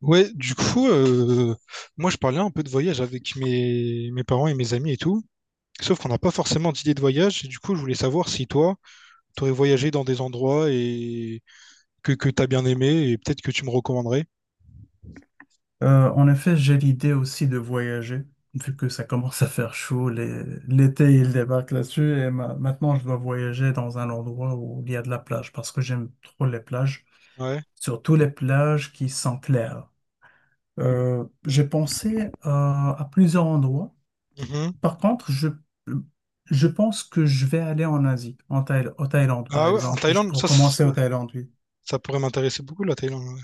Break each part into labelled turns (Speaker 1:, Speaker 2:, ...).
Speaker 1: Ouais, du coup, euh, moi je parlais un peu de voyage avec mes parents et mes amis et tout. Sauf qu'on n'a pas forcément d'idée de voyage. Et du coup, je voulais savoir si toi, tu aurais voyagé dans des endroits et que tu as bien aimé et peut-être que tu me recommanderais.
Speaker 2: En effet, j'ai l'idée aussi de voyager, vu que ça commence à faire chaud, l'été il débarque là-dessus, et maintenant je dois voyager dans un endroit où il y a de la plage, parce que j'aime trop les plages,
Speaker 1: Ouais.
Speaker 2: surtout les plages qui sont claires. J'ai pensé à plusieurs endroits.
Speaker 1: Mhm.
Speaker 2: Par contre, je pense que je vais aller en Asie, au Thaïlande par
Speaker 1: Ah ouais, en
Speaker 2: exemple.
Speaker 1: Thaïlande,
Speaker 2: Pour
Speaker 1: ça, c'est-
Speaker 2: commencer au
Speaker 1: ouais,
Speaker 2: Thaïlande, oui.
Speaker 1: ça pourrait m'intéresser beaucoup, la Thaïlande.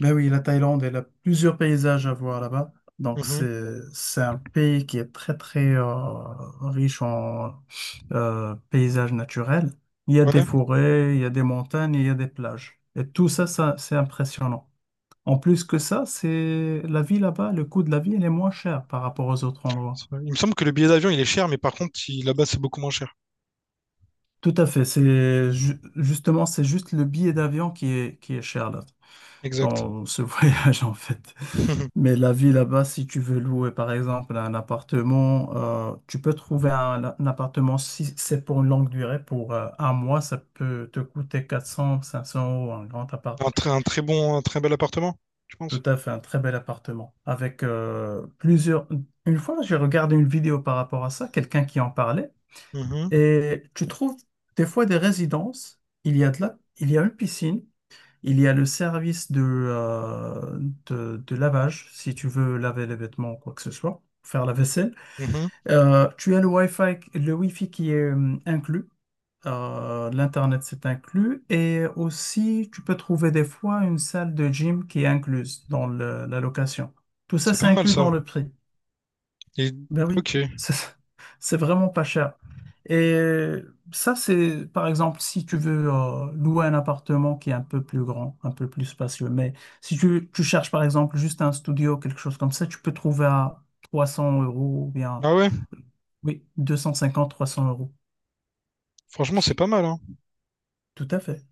Speaker 2: Mais oui, la Thaïlande, elle a plusieurs paysages à voir là-bas.
Speaker 1: Ouais.
Speaker 2: Donc,
Speaker 1: Mhm.
Speaker 2: c'est un pays qui est très, très riche en paysages naturels. Il y a des
Speaker 1: Ouais.
Speaker 2: forêts, il y a des montagnes, il y a des plages. Et tout ça, ça, c'est impressionnant. En plus que ça, c'est la vie là-bas, le coût de la vie, elle est moins chère par rapport aux autres endroits.
Speaker 1: C'est vrai. Il me semble que le billet d'avion, il est cher, mais par contre, il- là-bas, c'est beaucoup moins cher.
Speaker 2: Tout à fait. C'est justement, c'est juste le billet d'avion qui est cher là,
Speaker 1: Exact.
Speaker 2: dans ce voyage en fait. Mais la vie là-bas, si tu veux louer par exemple un appartement, tu peux trouver un appartement si c'est pour une longue durée, pour un mois, ça peut te coûter 400, cinq cents euros, un grand appart.
Speaker 1: Un très bon, un très bel appartement, je
Speaker 2: Tout
Speaker 1: pense.
Speaker 2: à fait, un très bel appartement. Avec plusieurs. Une fois, j'ai regardé une vidéo par rapport à ça, quelqu'un qui en parlait,
Speaker 1: Mhm.
Speaker 2: et tu trouves des fois des résidences, il y a il y a une piscine. Il y a le service de lavage, si tu veux laver les vêtements ou quoi que ce soit, faire la vaisselle.
Speaker 1: Mhm.
Speaker 2: Tu as le Wi-Fi qui est inclus. L'Internet, c'est inclus. Et aussi, tu peux trouver des fois une salle de gym qui est incluse dans la location. Tout ça,
Speaker 1: C'est
Speaker 2: c'est
Speaker 1: pas mal
Speaker 2: inclus
Speaker 1: ça.
Speaker 2: dans le prix.
Speaker 1: Et...
Speaker 2: Ben oui,
Speaker 1: Ok.
Speaker 2: c'est c'est vraiment pas cher. Et ça, c'est par exemple si tu veux louer un appartement qui est un peu plus grand, un peu plus spacieux. Mais si tu cherches par exemple juste un studio, quelque chose comme ça, tu peux trouver à 300 € ou bien
Speaker 1: Ah ouais,
Speaker 2: oui, 250, 300 euros.
Speaker 1: franchement, c'est pas mal, hein.
Speaker 2: Tout à fait.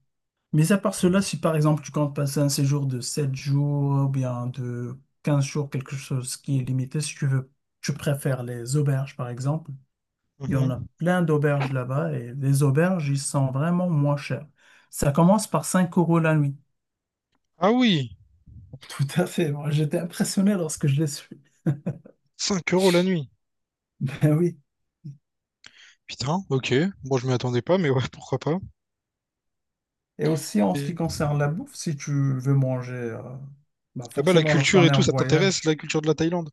Speaker 2: Mais à part cela, si par exemple tu comptes passer un séjour de 7 jours ou bien de 15 jours, quelque chose qui est limité, si tu veux, tu préfères les auberges par exemple. Il y en a
Speaker 1: Mhm.
Speaker 2: plein d'auberges là-bas et les auberges, ils sont vraiment moins chers. Ça commence par 5 € la nuit.
Speaker 1: Ah oui,
Speaker 2: Tout à fait. Moi, j'étais impressionné lorsque je les suis.
Speaker 1: 5 euros la nuit.
Speaker 2: Ben oui.
Speaker 1: Putain, ok. Bon, je m'y attendais pas, mais ouais, pourquoi pas.
Speaker 2: Et aussi, en ce qui
Speaker 1: Et
Speaker 2: concerne la bouffe, si tu veux manger, bah
Speaker 1: là-bas, la
Speaker 2: forcément,
Speaker 1: culture
Speaker 2: lorsqu'on
Speaker 1: et
Speaker 2: est
Speaker 1: tout,
Speaker 2: en
Speaker 1: ça t'intéresse, la
Speaker 2: voyage,
Speaker 1: culture de la Thaïlande?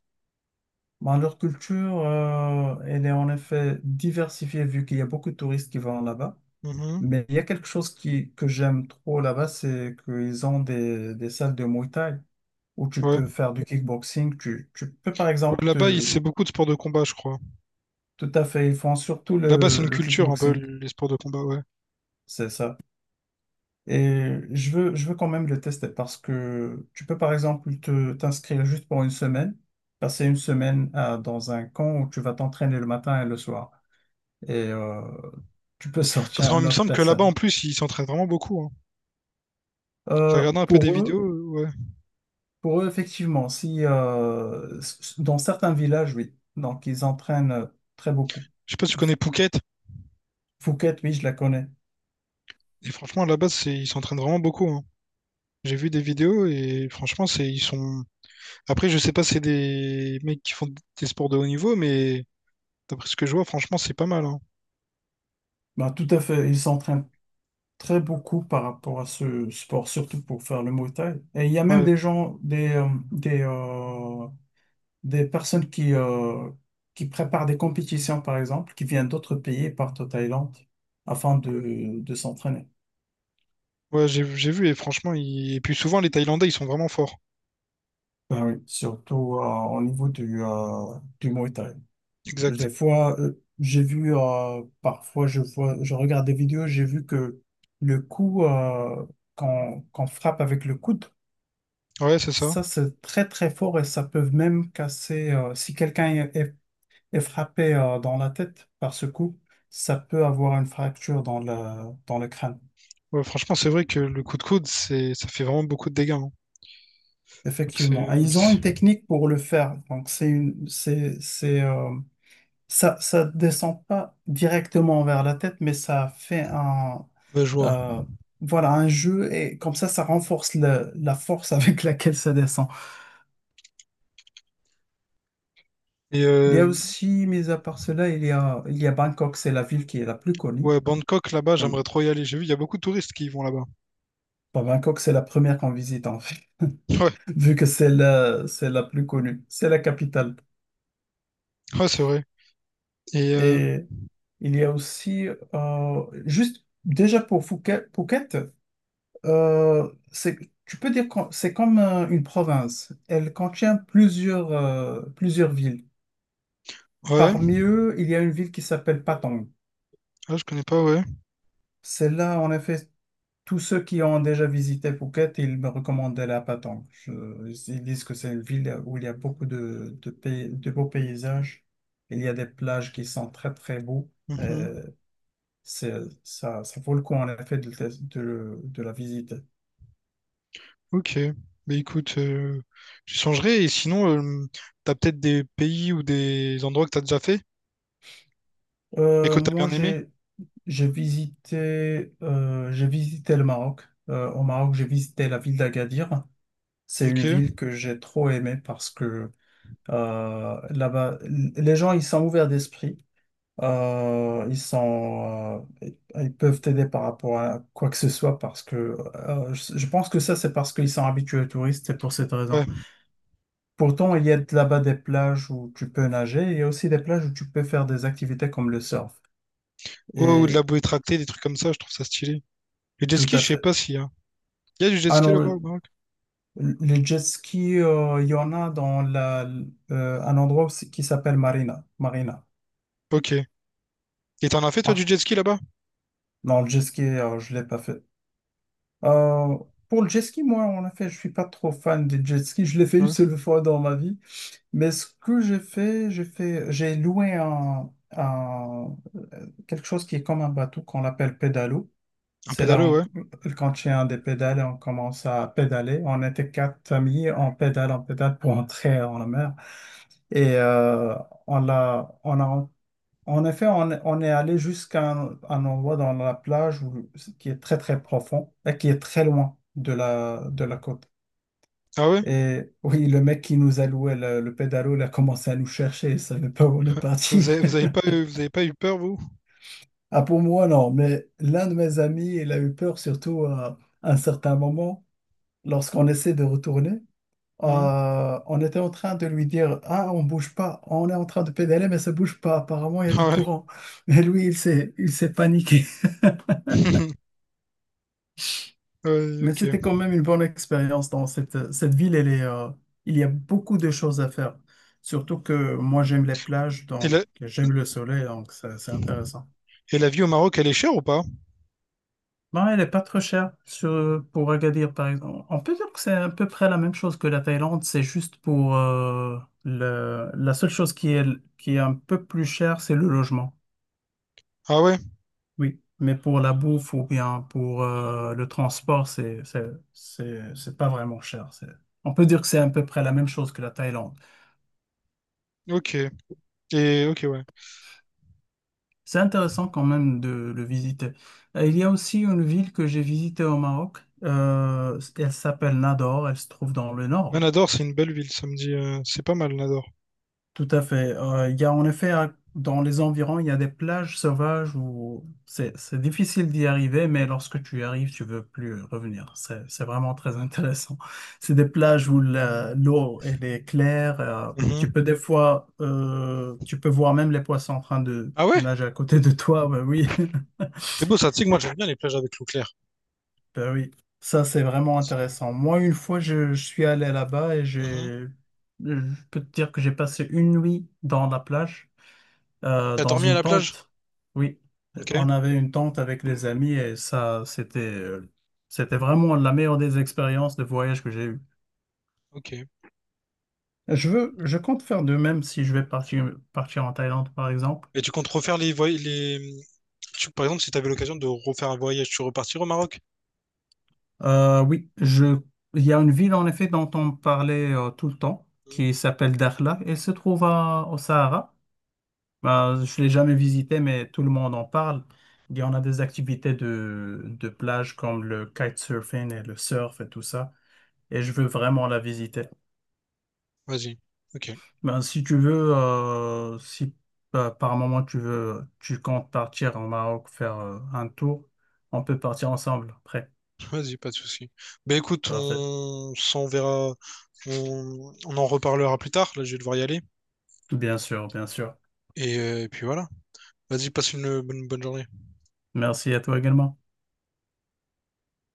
Speaker 2: bah, leur culture, elle est en effet diversifiée vu qu'il y a beaucoup de touristes qui vont là-bas.
Speaker 1: Mhm.
Speaker 2: Mais il y a quelque chose que j'aime trop là-bas, c'est qu'ils ont des salles de Muay Thai où tu
Speaker 1: Ouais.
Speaker 2: peux faire du kickboxing. Tu peux, par
Speaker 1: Ouais,
Speaker 2: exemple,
Speaker 1: là-bas, il- c'est beaucoup de sports de combat, je crois.
Speaker 2: tout à fait, ils font surtout
Speaker 1: Là-bas, c'est
Speaker 2: le,
Speaker 1: une
Speaker 2: le
Speaker 1: culture un peu,
Speaker 2: kickboxing.
Speaker 1: les sports de combat, ouais.
Speaker 2: C'est ça. Et je veux quand même le tester parce que tu peux, par exemple, t'inscrire juste pour une semaine, passer une semaine dans un camp où tu vas t'entraîner le matin et le soir. Et tu peux
Speaker 1: Parce
Speaker 2: sortir à
Speaker 1: qu'il
Speaker 2: une
Speaker 1: me
Speaker 2: autre
Speaker 1: semble que là-bas,
Speaker 2: personne.
Speaker 1: en plus, ils s'entraînent vraiment beaucoup, hein. J'ai
Speaker 2: Euh,
Speaker 1: regardé un peu
Speaker 2: pour
Speaker 1: des
Speaker 2: eux,
Speaker 1: vidéos, ouais.
Speaker 2: Pour eux, effectivement, si dans certains villages, oui. Donc, ils entraînent très beaucoup.
Speaker 1: Je sais pas si tu connais Phuket.
Speaker 2: Fouquet, oui, je la connais.
Speaker 1: Et franchement, là-bas, c'est, ils s'entraînent vraiment beaucoup, hein. J'ai vu des vidéos et franchement, c'est, ils sont. Après, je sais pas si c'est des mecs qui font des sports de haut niveau, mais d'après ce que je vois, franchement, c'est pas mal, hein.
Speaker 2: Bah, tout à fait. Ils s'entraînent très beaucoup par rapport à ce sport, surtout pour faire le Muay Thai. Et il y a même
Speaker 1: Ouais,
Speaker 2: des personnes qui préparent des compétitions, par exemple, qui viennent d'autres pays, partent au Thaïlande afin de s'entraîner.
Speaker 1: ouais, j'ai vu et franchement, ils- et puis souvent les Thaïlandais, ils sont vraiment forts.
Speaker 2: Ben oui, surtout au niveau du Muay Thai.
Speaker 1: Exact.
Speaker 2: Des fois, parfois, je regarde des vidéos, j'ai vu que le coup qu'on frappe avec le coude,
Speaker 1: Ouais, c'est ça.
Speaker 2: ça, c'est très, très fort et ça peut même casser, si quelqu'un est est frappé dans la tête par ce coup, ça peut avoir une fracture dans le crâne.
Speaker 1: Ouais, franchement, c'est vrai que le coup de coude, c'est, ça fait vraiment beaucoup de dégâts, hein. Donc
Speaker 2: Effectivement. Et ils ont
Speaker 1: c'est-
Speaker 2: une technique pour le faire. Donc, c'est une, c'est, ça, ça descend pas directement vers la tête, mais ça fait
Speaker 1: ouais, je vois.
Speaker 2: euh, voilà, un jeu et comme ça renforce la force avec laquelle ça descend.
Speaker 1: Et
Speaker 2: Il y a aussi, mis à part cela, il y a Bangkok, c'est la ville qui est la plus connue.
Speaker 1: ouais, Bangkok là-bas,
Speaker 2: Connue.
Speaker 1: j'aimerais trop y aller. J'ai vu, il y a beaucoup de touristes qui y vont là-bas.
Speaker 2: Bon, Bangkok, c'est la première qu'on visite, en fait, vu que c'est la plus connue, c'est la capitale.
Speaker 1: Ouais, ouais, c'est vrai. Et
Speaker 2: Et il y a aussi, juste déjà pour Phuket, euh, c'est, tu peux dire que c'est comme une province. Elle contient plusieurs villes.
Speaker 1: ouais,
Speaker 2: Parmi eux, il y a une ville qui s'appelle Patong.
Speaker 1: ah, je connais pas, ouais.
Speaker 2: Celle-là, en effet, tous ceux qui ont déjà visité Phuket, ils me recommandaient la Patong. Ils disent que c'est une ville où il y a beaucoup de beaux paysages. Il y a des plages qui sont très, très beaux.
Speaker 1: Mhm.
Speaker 2: Euh, c'est, Ça, ça vaut le coup, en effet, de la visiter.
Speaker 1: Ok. Mais écoute, j'y songerai. Et sinon, t'as peut-être des pays ou des endroits que t'as déjà fait et que t'as
Speaker 2: Moi,
Speaker 1: bien aimé.
Speaker 2: j'ai visité le Maroc. Au Maroc, j'ai visité la ville d'Agadir. C'est
Speaker 1: Ok.
Speaker 2: une ville que j'ai trop aimée parce que là-bas, les gens, ils sont ouverts d'esprit. Euh, ils sont, euh, Ils peuvent t'aider par rapport à quoi que ce soit parce que je pense que ça, c'est parce qu'ils sont habitués aux touristes, c'est pour cette raison.
Speaker 1: Ouais.
Speaker 2: Pourtant, il y a là-bas des plages où tu peux nager, il y a aussi des plages où tu peux faire des activités comme le surf.
Speaker 1: Ouais, ou de la
Speaker 2: Et
Speaker 1: bouée tractée, des trucs comme ça, je trouve ça stylé. Le jet
Speaker 2: tout
Speaker 1: ski,
Speaker 2: à
Speaker 1: je sais
Speaker 2: fait.
Speaker 1: pas s'il y a. Il y a du jet
Speaker 2: Ah
Speaker 1: ski
Speaker 2: non,
Speaker 1: là-bas
Speaker 2: le,
Speaker 1: au Maroc?
Speaker 2: le jet ski, il y en a dans un endroit aussi qui s'appelle Marina. Marina.
Speaker 1: Ok. Et t'en as fait toi
Speaker 2: Ah,
Speaker 1: du jet ski là-bas?
Speaker 2: non, le jet ski, je ne l'ai pas fait. Euh, pour le jet ski, moi, on en fait. Je suis pas trop fan des jet ski. Je l'ai fait une
Speaker 1: Ouais.
Speaker 2: seule fois dans ma vie. Mais ce que j'ai loué quelque chose qui est comme un bateau qu'on l'appelle pédalo.
Speaker 1: Un
Speaker 2: C'est là,
Speaker 1: pédalo, ouais.
Speaker 2: quand il y a un des pédales, on commence à pédaler. On était quatre familles, on pédale pour entrer dans la mer. Et on a en effet, on est allé jusqu'à un endroit dans la plage qui est très très profond et qui est très loin de la côte.
Speaker 1: Ah ouais?
Speaker 2: Et oui, le mec qui nous a loué le pédalo, il a commencé à nous chercher, il savait pas où on est parti.
Speaker 1: Vous avez pas eu peur, vous?
Speaker 2: Ah, pour moi, non, mais l'un de mes amis, il a eu peur surtout à un certain moment, lorsqu'on essaie de retourner.
Speaker 1: Hmm.
Speaker 2: On était en train de lui dire: Ah, on bouge pas, on est en train de pédaler, mais ça bouge pas, apparemment il y a
Speaker 1: Ah
Speaker 2: du
Speaker 1: ouais.
Speaker 2: courant. Mais lui, il s'est paniqué.
Speaker 1: Ouais,
Speaker 2: Mais
Speaker 1: ok.
Speaker 2: c'était quand même une bonne expérience dans cette ville. Il y a beaucoup de choses à faire. Surtout que moi, j'aime les plages,
Speaker 1: Et
Speaker 2: donc
Speaker 1: la,
Speaker 2: j'aime le soleil, donc c'est intéressant.
Speaker 1: et la vie au Maroc, elle est chère ou pas?
Speaker 2: Non, elle n'est pas trop chère pour Agadir, par exemple. On peut dire que c'est à peu près la même chose que la Thaïlande. C'est juste pour la seule chose qui est un peu plus chère, c'est le logement.
Speaker 1: Ah ouais?
Speaker 2: Oui, mais pour la bouffe ou bien pour le transport, c'est pas vraiment cher. On peut dire que c'est à peu près la même chose que la Thaïlande.
Speaker 1: Ok. Et ok, ouais.
Speaker 2: C'est intéressant quand même de le visiter. Il y a aussi une ville que j'ai visitée au Maroc. Elle s'appelle Nador. Elle se trouve dans le
Speaker 1: Ouais,
Speaker 2: nord.
Speaker 1: Nador, c'est une belle ville, ça me dit. Euh, c'est pas mal, Nador.
Speaker 2: Tout à fait. Il y a en effet, dans les environs, il y a des plages sauvages où c'est difficile d'y arriver, mais lorsque tu y arrives, tu veux plus revenir. C'est vraiment très intéressant. C'est des plages où l'eau, elle est claire.
Speaker 1: Mhm.
Speaker 2: Tu peux des fois, tu peux voir même les poissons en train de
Speaker 1: Ah ouais?
Speaker 2: nager à côté de toi. Ben oui,
Speaker 1: C'est beau ça, tu sais que moi j'aime bien les plages avec l'eau claire.
Speaker 2: ben oui. Ça, c'est vraiment
Speaker 1: C'est-
Speaker 2: intéressant. Moi, une fois, je suis allé là-bas
Speaker 1: Mhm.
Speaker 2: je peux te dire que j'ai passé une nuit dans la plage,
Speaker 1: T'as
Speaker 2: dans
Speaker 1: dormi à
Speaker 2: une
Speaker 1: la plage?
Speaker 2: tente. Oui,
Speaker 1: Ok.
Speaker 2: on avait une tente avec les amis et ça, c'était vraiment la meilleure des expériences de voyage que j'ai eues.
Speaker 1: Ok.
Speaker 2: Je compte faire de même si je vais partir en Thaïlande, par exemple.
Speaker 1: Et tu comptes refaire les, voy- les, tu- Par exemple, si tu avais l'occasion de refaire un voyage, tu repartirais au Maroc?
Speaker 2: Oui, il y a une ville, en effet, dont on parlait tout le temps,
Speaker 1: Mhm.
Speaker 2: qui s'appelle Dakhla et se trouve au Sahara. Ben, je ne l'ai jamais visitée, mais tout le monde en parle. Il y en a des activités de plage comme le kitesurfing et le surf et tout ça. Et je veux vraiment la visiter.
Speaker 1: Vas-y. Ok,
Speaker 2: Ben, si tu veux, si par moment tu comptes partir au Maroc faire un tour, on peut partir ensemble après.
Speaker 1: vas-y, pas de souci. Ben écoute,
Speaker 2: Parfait.
Speaker 1: on s'en verra, on en reparlera plus tard. Là, je vais devoir y aller.
Speaker 2: Bien sûr, bien sûr.
Speaker 1: Et puis voilà. Vas-y, passe une bonne journée.
Speaker 2: Merci à toi également.